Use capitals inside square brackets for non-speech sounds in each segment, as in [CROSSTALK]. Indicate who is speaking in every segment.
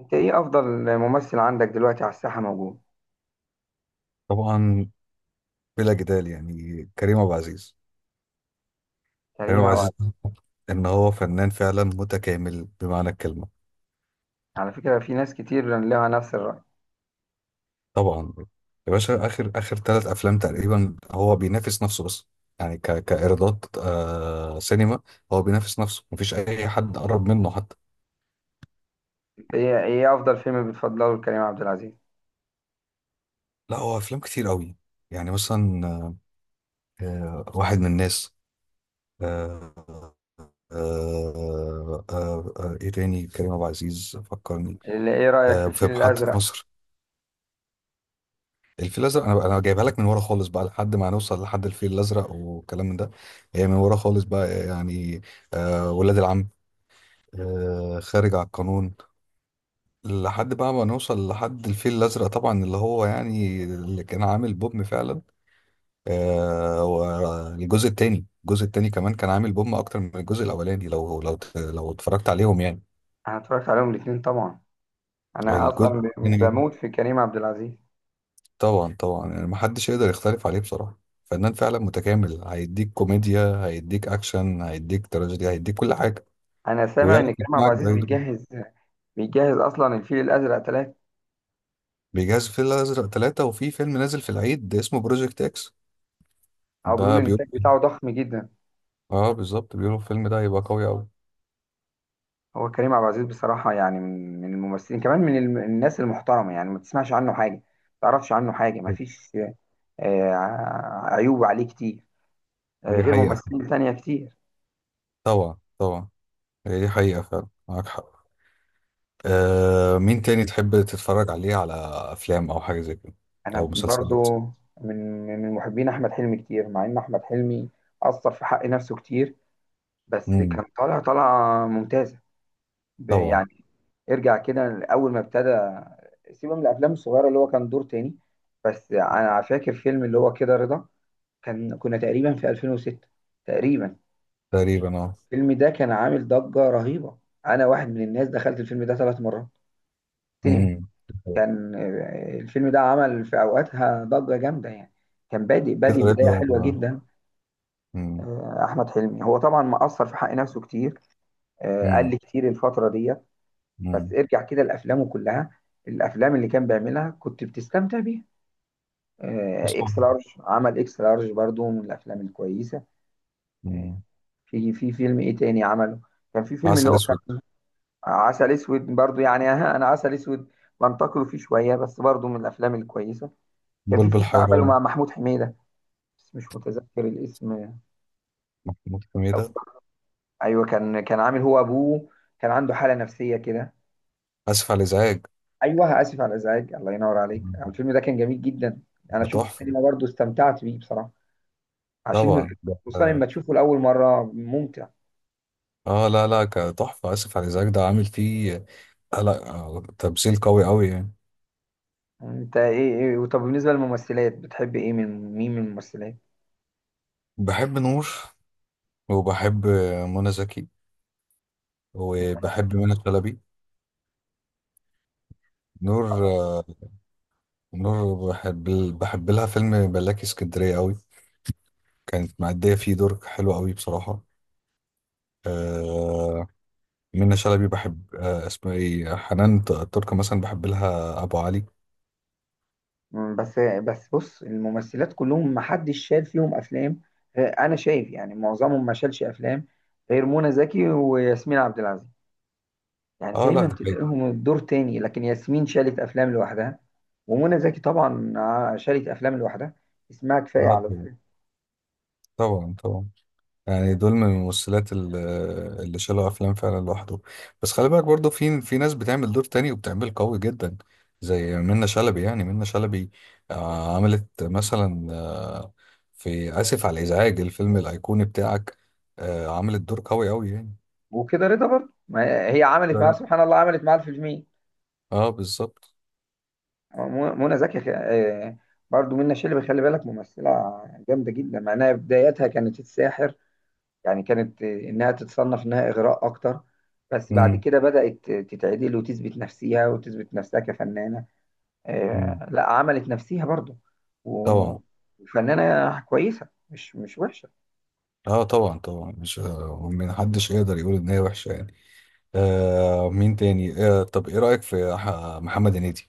Speaker 1: انت ايه افضل ممثل عندك دلوقتي على الساحه موجود؟
Speaker 2: طبعا، بلا جدال يعني كريم عبد العزيز. كريم
Speaker 1: كريم
Speaker 2: عبد
Speaker 1: عبد
Speaker 2: العزيز
Speaker 1: العزيز.
Speaker 2: ان هو فنان فعلا متكامل بمعنى الكلمه.
Speaker 1: على فكره في ناس كتير لها نفس الراي.
Speaker 2: طبعا يا باشا اخر اخر ثلاث افلام تقريبا هو بينافس نفسه بس يعني كايرادات سينما. هو بينافس نفسه، مفيش اي حد قرب منه حتى.
Speaker 1: انت ايه افضل فيلم بتفضله لكريم عبد العزيز؟
Speaker 2: لا هو افلام كتير قوي، يعني مثلا واحد من الناس، آه آه ايه تاني كريم عبد العزيز فكرني؟
Speaker 1: اللي ايه رايك في
Speaker 2: في
Speaker 1: الفيل
Speaker 2: محطه
Speaker 1: الازرق؟
Speaker 2: مصر. الفيل الازرق انا بقى، انا جايبها لك من ورا خالص بقى لحد ما نوصل لحد الفيل الازرق والكلام من ده. هي من ورا خالص بقى يعني، ولاد العم، خارج على القانون، لحد بقى ما نوصل لحد الفيل الازرق طبعا، اللي هو يعني اللي كان عامل بوم فعلا. والجزء التاني، الجزء التاني كمان كان عامل بوم اكتر من الجزء الاولاني، لو اتفرجت عليهم يعني.
Speaker 1: انا اتفرجت عليهم الاثنين طبعا. انا اصلا
Speaker 2: الجزء التاني
Speaker 1: بموت في كريم عبد العزيز.
Speaker 2: طبعا طبعا يعني محدش يقدر يختلف عليه بصراحة. فنان فعلا متكامل، هيديك كوميديا، هيديك أكشن، هيديك تراجيدي، هيديك كل حاجة
Speaker 1: انا سامع
Speaker 2: ويعرف
Speaker 1: ان كريم عبد
Speaker 2: يقنعك
Speaker 1: العزيز
Speaker 2: بأي دور.
Speaker 1: بيجهز اصلا الفيل الازرق ثلاثة.
Speaker 2: بيجهز في الأزرق ثلاثة وفي فيلم نازل في العيد اسمه بروجكت إكس.
Speaker 1: او بيقول
Speaker 2: ده
Speaker 1: ان
Speaker 2: بيقول،
Speaker 1: الانتاج بتاعه ضخم جدا.
Speaker 2: اه بالظبط، بيقولوا الفيلم ده هيبقى قوي أوي.
Speaker 1: هو كريم عبد العزيز بصراحة، يعني من الممثلين، كمان الناس المحترمة، يعني ما تسمعش عنه حاجة، ما تعرفش عنه حاجة، ما فيش آه، عيوب عليه كتير،
Speaker 2: دي
Speaker 1: غير
Speaker 2: حقيقة.
Speaker 1: ممثلين تانية كتير.
Speaker 2: طبعا طبعا، هي دي حقيقة فعلا، معاك حق. مين تاني تحب تتفرج عليه؟ على أفلام أو حاجة زي كده أو
Speaker 1: أنا
Speaker 2: مسلسلات؟
Speaker 1: برضو من محبين أحمد حلمي كتير، مع إن أحمد حلمي أثر في حق نفسه كتير، بس
Speaker 2: مم.
Speaker 1: كان طالعة ممتازة.
Speaker 2: طبعا.
Speaker 1: يعني ارجع كده أول ما ابتدى، سيبه من الأفلام الصغيرة اللي هو كان دور تاني، بس أنا فاكر فيلم اللي هو كده رضا. كنا تقريبا في 2006 تقريبا.
Speaker 2: تقريبا اه.
Speaker 1: الفيلم ده كان عامل ضجة رهيبة، أنا واحد من الناس دخلت الفيلم ده ثلاث مرات سينما.
Speaker 2: مم.
Speaker 1: كان الفيلم ده عمل في أوقاتها ضجة جامدة يعني، كان بادئ
Speaker 2: كده رضا
Speaker 1: بداية حلوة جدا.
Speaker 2: مم.
Speaker 1: أحمد حلمي هو طبعا مقصر في حق نفسه كتير، قال
Speaker 2: مم.
Speaker 1: لي كتير الفترة دي.
Speaker 2: مم.
Speaker 1: بس ارجع كده لأفلامه كلها، الأفلام اللي كان بيعملها كنت بتستمتع بيها.
Speaker 2: حسن.
Speaker 1: إكس لارج، عمل إكس لارج برضو من الأفلام الكويسة. آه،
Speaker 2: مم.
Speaker 1: في فيلم ايه تاني عمله؟ كان في فيلم اللي
Speaker 2: عسل
Speaker 1: هو
Speaker 2: اسود.
Speaker 1: كان عسل اسود، برضو يعني [LAUGHS] انا عسل اسود بنتقده فيه شويه، بس برضو من الافلام الكويسه. كان في
Speaker 2: بلبل
Speaker 1: فيلم عمله مع
Speaker 2: حيران.
Speaker 1: محمود حميده، بس مش متذكر الاسم أوي.
Speaker 2: محمود حميدة.
Speaker 1: ايوه، كان عامل هو ابوه، كان عنده حاله نفسيه كده.
Speaker 2: اسف على الازعاج.
Speaker 1: ايوه، اسف على الازعاج، الله ينور عليك،
Speaker 2: مم.
Speaker 1: الفيلم ده كان جميل جدا. انا
Speaker 2: ده
Speaker 1: شفته
Speaker 2: تحفة.
Speaker 1: سينما برضو، استمتعت بيه بصراحه، عشان
Speaker 2: طبعا ده،
Speaker 1: خصوصا لما تشوفه لاول مره ممتع.
Speaker 2: اه لا لا، تحفة. اسف على الازعاج ده عامل فيه لا تمثيل قوي قوي يعني.
Speaker 1: انت إيه؟ طب بالنسبه للممثلات، بتحب ايه، من الممثلات؟
Speaker 2: بحب نور، وبحب منى زكي، وبحب منى شلبي. نور، نور بحب، بحب لها فيلم ملاكي اسكندرية قوي، كانت مأدية فيه دور حلو قوي بصراحة. آه، منة شلبي بحب، اسمها ايه، حنان تركة مثلا. بحب لها ابو علي.
Speaker 1: بس بص، الممثلات كلهم ما حدش شال فيهم افلام. انا شايف يعني معظمهم ما شالش افلام غير منى زكي وياسمين عبد العزيز، يعني
Speaker 2: اه لا
Speaker 1: دايما
Speaker 2: ده حقيقي.
Speaker 1: تلاقيهم الدور تاني، لكن ياسمين شالت افلام لوحدها، ومنى زكي طبعا. شالت افلام لوحدها، اسمها كفايه
Speaker 2: اه
Speaker 1: على
Speaker 2: طبعا
Speaker 1: الفيلم.
Speaker 2: طبعا طبعا، يعني دول من الممثلات اللي شالوا افلام فعلا لوحده. بس خلي بالك برضو في في ناس بتعمل دور تاني وبتعمل قوي جدا، زي منة شلبي. يعني منة شلبي عملت مثلا في اسف على الازعاج الفيلم الايقوني بتاعك، عملت دور قوي قوي يعني.
Speaker 1: وكده رضا برضه، ما هي عملت
Speaker 2: لا،
Speaker 1: معاه
Speaker 2: لا.
Speaker 1: سبحان الله، عملت معاه الفيلمين.
Speaker 2: اه بالظبط.
Speaker 1: منى زكي برضه منى شلبي، خلي بالك ممثله جامده جدا، مع انها بدايتها كانت الساحر، يعني كانت إنها تتصنف إنها إغراء أكتر، بس بعد
Speaker 2: امم.
Speaker 1: كده بدأت تتعدل وتثبت نفسها، وتثبت نفسها كفنانة.
Speaker 2: أمم.
Speaker 1: لا عملت نفسها برضو، و-
Speaker 2: طبعا.
Speaker 1: وفنانة كويسة، مش وحشة.
Speaker 2: اه طبعا طبعا، مش محدش يقدر يقول ان هي وحشه يعني. مين تاني؟ طب ايه رايك في محمد هنيدي؟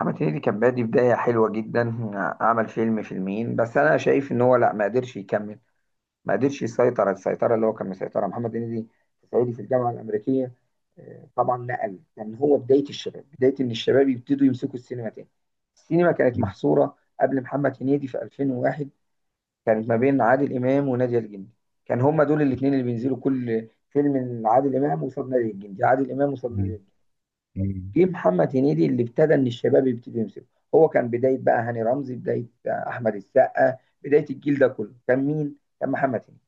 Speaker 1: محمد هنيدي كان بادي بداية حلوة جدا، عمل فيلمين، بس أنا شايف إن هو لا ما قدرش يكمل، ما قدرش يسيطر السيطره اللي هو كان مسيطرها محمد هنيدي في صعيدي في الجامعه الامريكيه. طبعا نقل كان هو بدايه الشباب، بدايه ان الشباب يبتدوا يمسكوا السينما تاني. السينما كانت
Speaker 2: مم.
Speaker 1: محصوره قبل محمد هنيدي في 2001، كانت ما بين عادل امام ونادية الجندي، كان هما دول الاثنين اللي بينزلوا كل فيلم، من عادل امام قصاد نادية الجندي، عادل امام قصاد نادية
Speaker 2: مم.
Speaker 1: الجندي.
Speaker 2: مم.
Speaker 1: جه محمد هنيدي اللي ابتدى ان الشباب يبتدوا يمسكوا، هو كان بدايه بقى هاني رمزي، بدايه احمد السقا، بدايه الجيل ده كله كان مين؟ كان محمد هنيدي.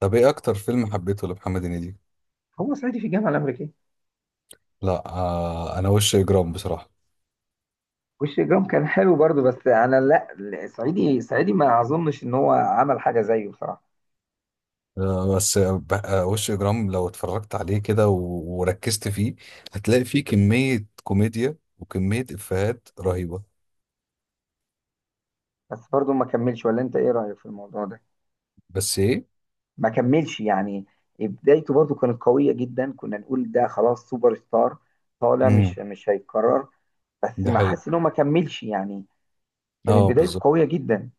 Speaker 2: طب ايه اكتر فيلم حبيته لمحمد هنيدي؟
Speaker 1: هو صعيدي في الجامعه الامريكيه.
Speaker 2: لا انا وش اجرام بصراحه.
Speaker 1: وش جرام كان حلو برضو، بس انا لا، سعيدي سعيدي ما اظنش ان هو عمل حاجه زيه بصراحه.
Speaker 2: آه بس آه ب- آه، وش اجرام لو اتفرجت عليه كده وركزت فيه، هتلاقي فيه كميه كوميديا وكميه افيهات رهيبه.
Speaker 1: بس برضو ما كملش، ولا انت ايه رايك في الموضوع ده؟
Speaker 2: بس ايه.
Speaker 1: ما كملش يعني. بدايته برضو كانت قويه جدا، كنا نقول ده خلاص سوبر ستار طالع، مش
Speaker 2: امم.
Speaker 1: مش هيتكرر. بس
Speaker 2: ده
Speaker 1: ما
Speaker 2: حقيقي.
Speaker 1: حاسس ان هو ما كملش يعني، كانت
Speaker 2: اه
Speaker 1: بدايته
Speaker 2: بالظبط،
Speaker 1: قويه جدا.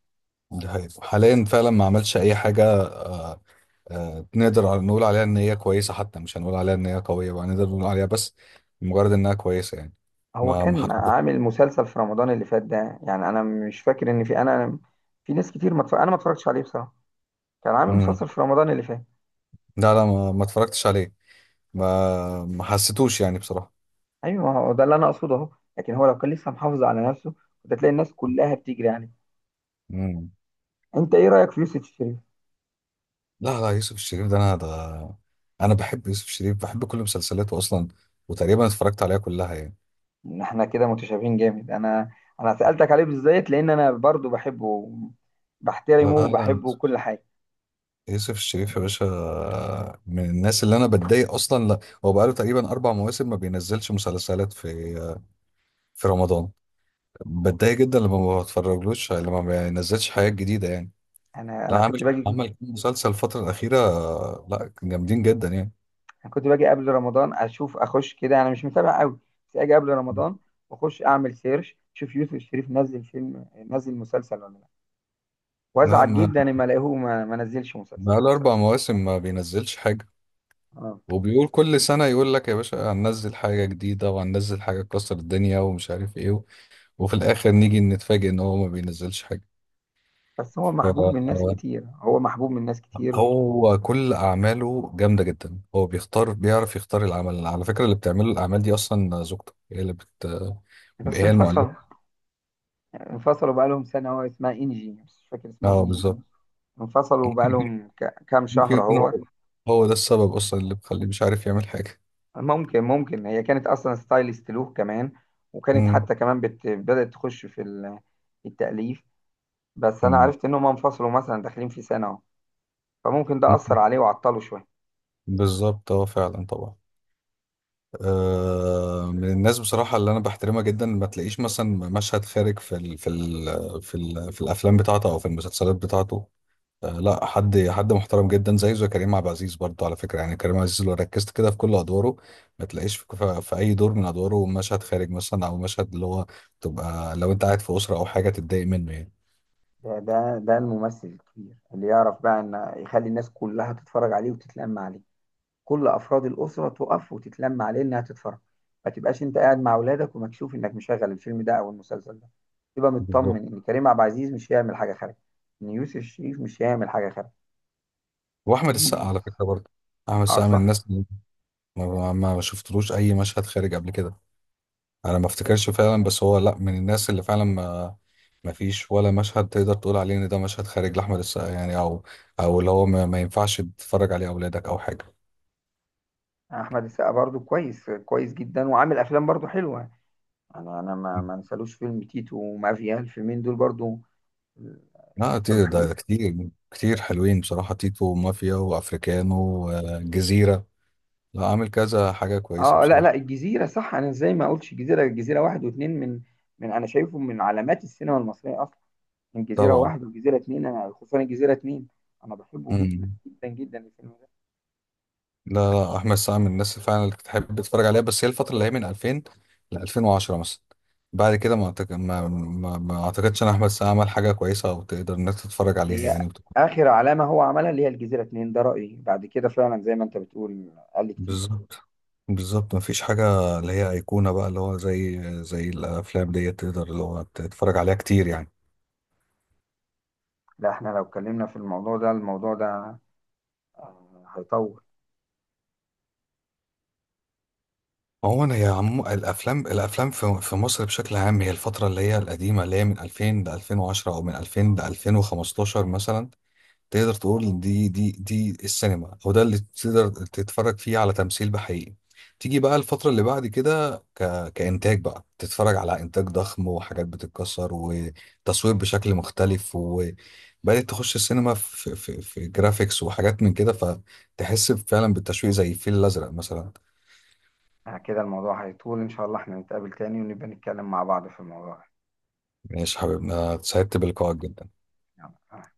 Speaker 2: ده حقيقي. حاليا فعلا ما عملش اي حاجه، نقدر نقول عليها ان هي كويسه، حتى مش هنقول عليها ان هي قويه بقى، نقدر نقول عليها بس مجرد انها كويسه يعني.
Speaker 1: هو
Speaker 2: ما ما
Speaker 1: كان
Speaker 2: حد...
Speaker 1: عامل مسلسل في رمضان اللي فات ده، يعني انا مش فاكر ان في انا، في ناس كتير ما اتفرج- انا ما اتفرجتش عليه بصراحه. كان عامل
Speaker 2: مم.
Speaker 1: مسلسل في رمضان اللي فات.
Speaker 2: لا لا، ما اتفرجتش عليه. ما ما حسيتوش يعني بصراحه.
Speaker 1: ايوه، ما هو ده اللي انا اقصده اهو، لكن هو لو كان لسه محافظ على نفسه كنت هتلاقي الناس كلها بتجري يعني.
Speaker 2: مم.
Speaker 1: انت ايه رايك في يوسف شريف؟
Speaker 2: لا لا، يوسف الشريف ده، انا ده انا بحب يوسف الشريف، بحب كل مسلسلاته اصلا وتقريبا اتفرجت عليها كلها يعني.
Speaker 1: ان احنا كده متشابهين جامد. انا سالتك عليه بالذات لان انا برضو بحبه، بحترمه
Speaker 2: لا لا،
Speaker 1: وبحبه وكل حاجه.
Speaker 2: يوسف الشريف يا باشا، من الناس اللي انا بتضايق اصلا. لا هو بقاله تقريبا اربع مواسم ما بينزلش مسلسلات في في رمضان. بتضايق جدا لما ما بتفرجلوش يعني، لما ما بينزلش حاجات جديده يعني.
Speaker 1: انا
Speaker 2: لا
Speaker 1: انا
Speaker 2: عامل،
Speaker 1: كنت باجي،
Speaker 2: عمل كام مسلسل الفتره الاخيره. لا جامدين جدا يعني.
Speaker 1: انا كنت باجي قبل رمضان اشوف اخش كده، انا مش متابع قوي، بس اجي قبل رمضان واخش اعمل سيرش، اشوف يوسف شريف نزل فيلم، نزل مسلسل ولا لا،
Speaker 2: لا
Speaker 1: وازعل
Speaker 2: ما،
Speaker 1: جدا لما الاقيه ما نزلش مسلسل.
Speaker 2: بقاله أربع مواسم ما بينزلش حاجة.
Speaker 1: اه.
Speaker 2: وبيقول كل سنة يقول لك يا باشا هننزل حاجة جديدة وهننزل حاجة تكسر الدنيا ومش عارف إيه وفي الآخر نيجي نتفاجئ إن هو ما بينزلش حاجة.
Speaker 1: بس هو محبوب من ناس
Speaker 2: ف-
Speaker 1: كتير، هو محبوب من ناس كتير.
Speaker 2: هو كل أعماله جامدة جدا، هو بيختار، بيعرف يختار العمل. على فكرة اللي بتعمله الأعمال دي أصلا زوجته، هي اللي بت،
Speaker 1: بس
Speaker 2: هي المؤلفة.
Speaker 1: انفصلوا بقالهم سنة، هو اسمها انجي، مش فاكر اسمها
Speaker 2: اه
Speaker 1: انجي
Speaker 2: بالظبط.
Speaker 1: ايه. انفصلوا
Speaker 2: ممكن،
Speaker 1: بقالهم كام
Speaker 2: ممكن
Speaker 1: شهر
Speaker 2: يكون
Speaker 1: اهو.
Speaker 2: هو، هو ده السبب اصلا اللي مخليه مش عارف يعمل حاجه.
Speaker 1: ممكن هي كانت اصلا ستايلست له كمان، وكانت
Speaker 2: مم.
Speaker 1: حتى كمان بدأت تخش في التأليف. بس انا
Speaker 2: مم.
Speaker 1: عرفت ان هم انفصلوا مثلا داخلين في سنة اهو، فممكن ده
Speaker 2: ممكن.
Speaker 1: أثر عليه وعطله شوية.
Speaker 2: بالظبط، اه فعلا طبعا. من الناس بصراحه اللي انا بحترمها جدا. ما تلاقيش مثلا مشهد خارج في ال في ال في, ال في الافلام بتاعته او في المسلسلات بتاعته. لا، حد حد محترم جدا، زي زي كريم عبد العزيز برضه على فكره. يعني كريم عبد العزيز لو ركزت كده في كل ادواره، ما تلاقيش في اي دور من ادواره مشهد خارج مثلا، او مشهد اللي هو تبقى لو انت قاعد في اسره او حاجه تتضايق منه يعني.
Speaker 1: ده الممثل الكبير اللي يعرف بقى ان يخلي الناس كلها تتفرج عليه وتتلم عليه، كل افراد الاسره تقف وتتلم عليه انها تتفرج. ما تبقاش انت قاعد مع اولادك ومكشوف انك مشغل الفيلم ده او المسلسل ده، تبقى
Speaker 2: بالظبط.
Speaker 1: مطمن ان كريم عبد العزيز مش هيعمل حاجه خارجه، ان يوسف الشريف مش هيعمل حاجه خارجه.
Speaker 2: واحمد
Speaker 1: دي.
Speaker 2: السقا على فكره برضه. احمد
Speaker 1: اه،
Speaker 2: السقا من
Speaker 1: صح.
Speaker 2: الناس اللي، ما شفتلوش اي مشهد خارج قبل كده، انا ما افتكرش فعلا. بس هو لا، من الناس اللي فعلا ما ما فيش ولا مشهد تقدر تقول عليه ان ده مشهد خارج لاحمد السقا يعني، او او اللي هو ما ينفعش تتفرج عليه اولادك او حاجه.
Speaker 1: احمد السقا برضو كويس كويس جدا، وعامل افلام برضو حلوه. انا ما انسالوش فيلم تيتو ومافيا، الفيلمين دول برضو
Speaker 2: لا
Speaker 1: كانوا
Speaker 2: كتير، ده
Speaker 1: حلوين.
Speaker 2: كتير كتير حلوين بصراحه، تيتو ومافيا وافريكانو وجزيره. لا عامل كذا حاجه كويسه
Speaker 1: اه، لا لا،
Speaker 2: بصراحه.
Speaker 1: الجزيره صح، انا ازاي ما اقولش الجزيره واحد واثنين من انا شايفه من علامات السينما المصريه اصلا، من جزيرة
Speaker 2: طبعا.
Speaker 1: واحد وجزيرة اتنين، أنا خصوصا الجزيرة اتنين أنا بحبه جدا
Speaker 2: مم.
Speaker 1: جدا جدا الفيلم ده.
Speaker 2: لا لا، احمد سعد من الناس اللي فعلا اللي تحب تتفرج عليها. بس هي الفتره اللي هي من 2000 ل 2010 مثلا، بعد كده ما أعتقد، ما اعتقدش ان احمد سعد عمل حاجه كويسه او تقدر انك تتفرج عليها
Speaker 1: هي
Speaker 2: يعني وتكون-
Speaker 1: آخر علامة هو عملها اللي هي الجزيرة اتنين، ده رأيي، بعد كده فعلا زي ما أنت بتقول قال لي كتير.
Speaker 2: بالظبط. بالظبط، ما فيش حاجه اللي هي ايقونه بقى، اللي هو زي زي الافلام ديت تقدر اللي هو تتفرج عليها كتير يعني.
Speaker 1: لا، إحنا لو اتكلمنا في الموضوع ده، هيطول.
Speaker 2: عموما هي عم الافلام، الافلام في في مصر بشكل عام، هي الفتره اللي هي القديمه، اللي هي من 2000 ل 2010 او من 2000 ل 2015 مثلا، تقدر تقول إن دي السينما، او ده اللي تقدر تتفرج فيه على تمثيل بحقيقي. تيجي بقى الفترة اللي بعد كده كإنتاج بقى، تتفرج على إنتاج ضخم وحاجات بتتكسر وتصوير بشكل مختلف، وبدأت تخش السينما في جرافيكس وحاجات من كده، فتحس فعلا بالتشويق زي الفيل الأزرق مثلا.
Speaker 1: كده الموضوع هيطول إن شاء الله، إحنا نتقابل تاني ونبقى نتكلم مع بعض في الموضوع ده.
Speaker 2: ماشي يا حبيبنا، اتسعدت بلقائك جدا.
Speaker 1: يلا، آه.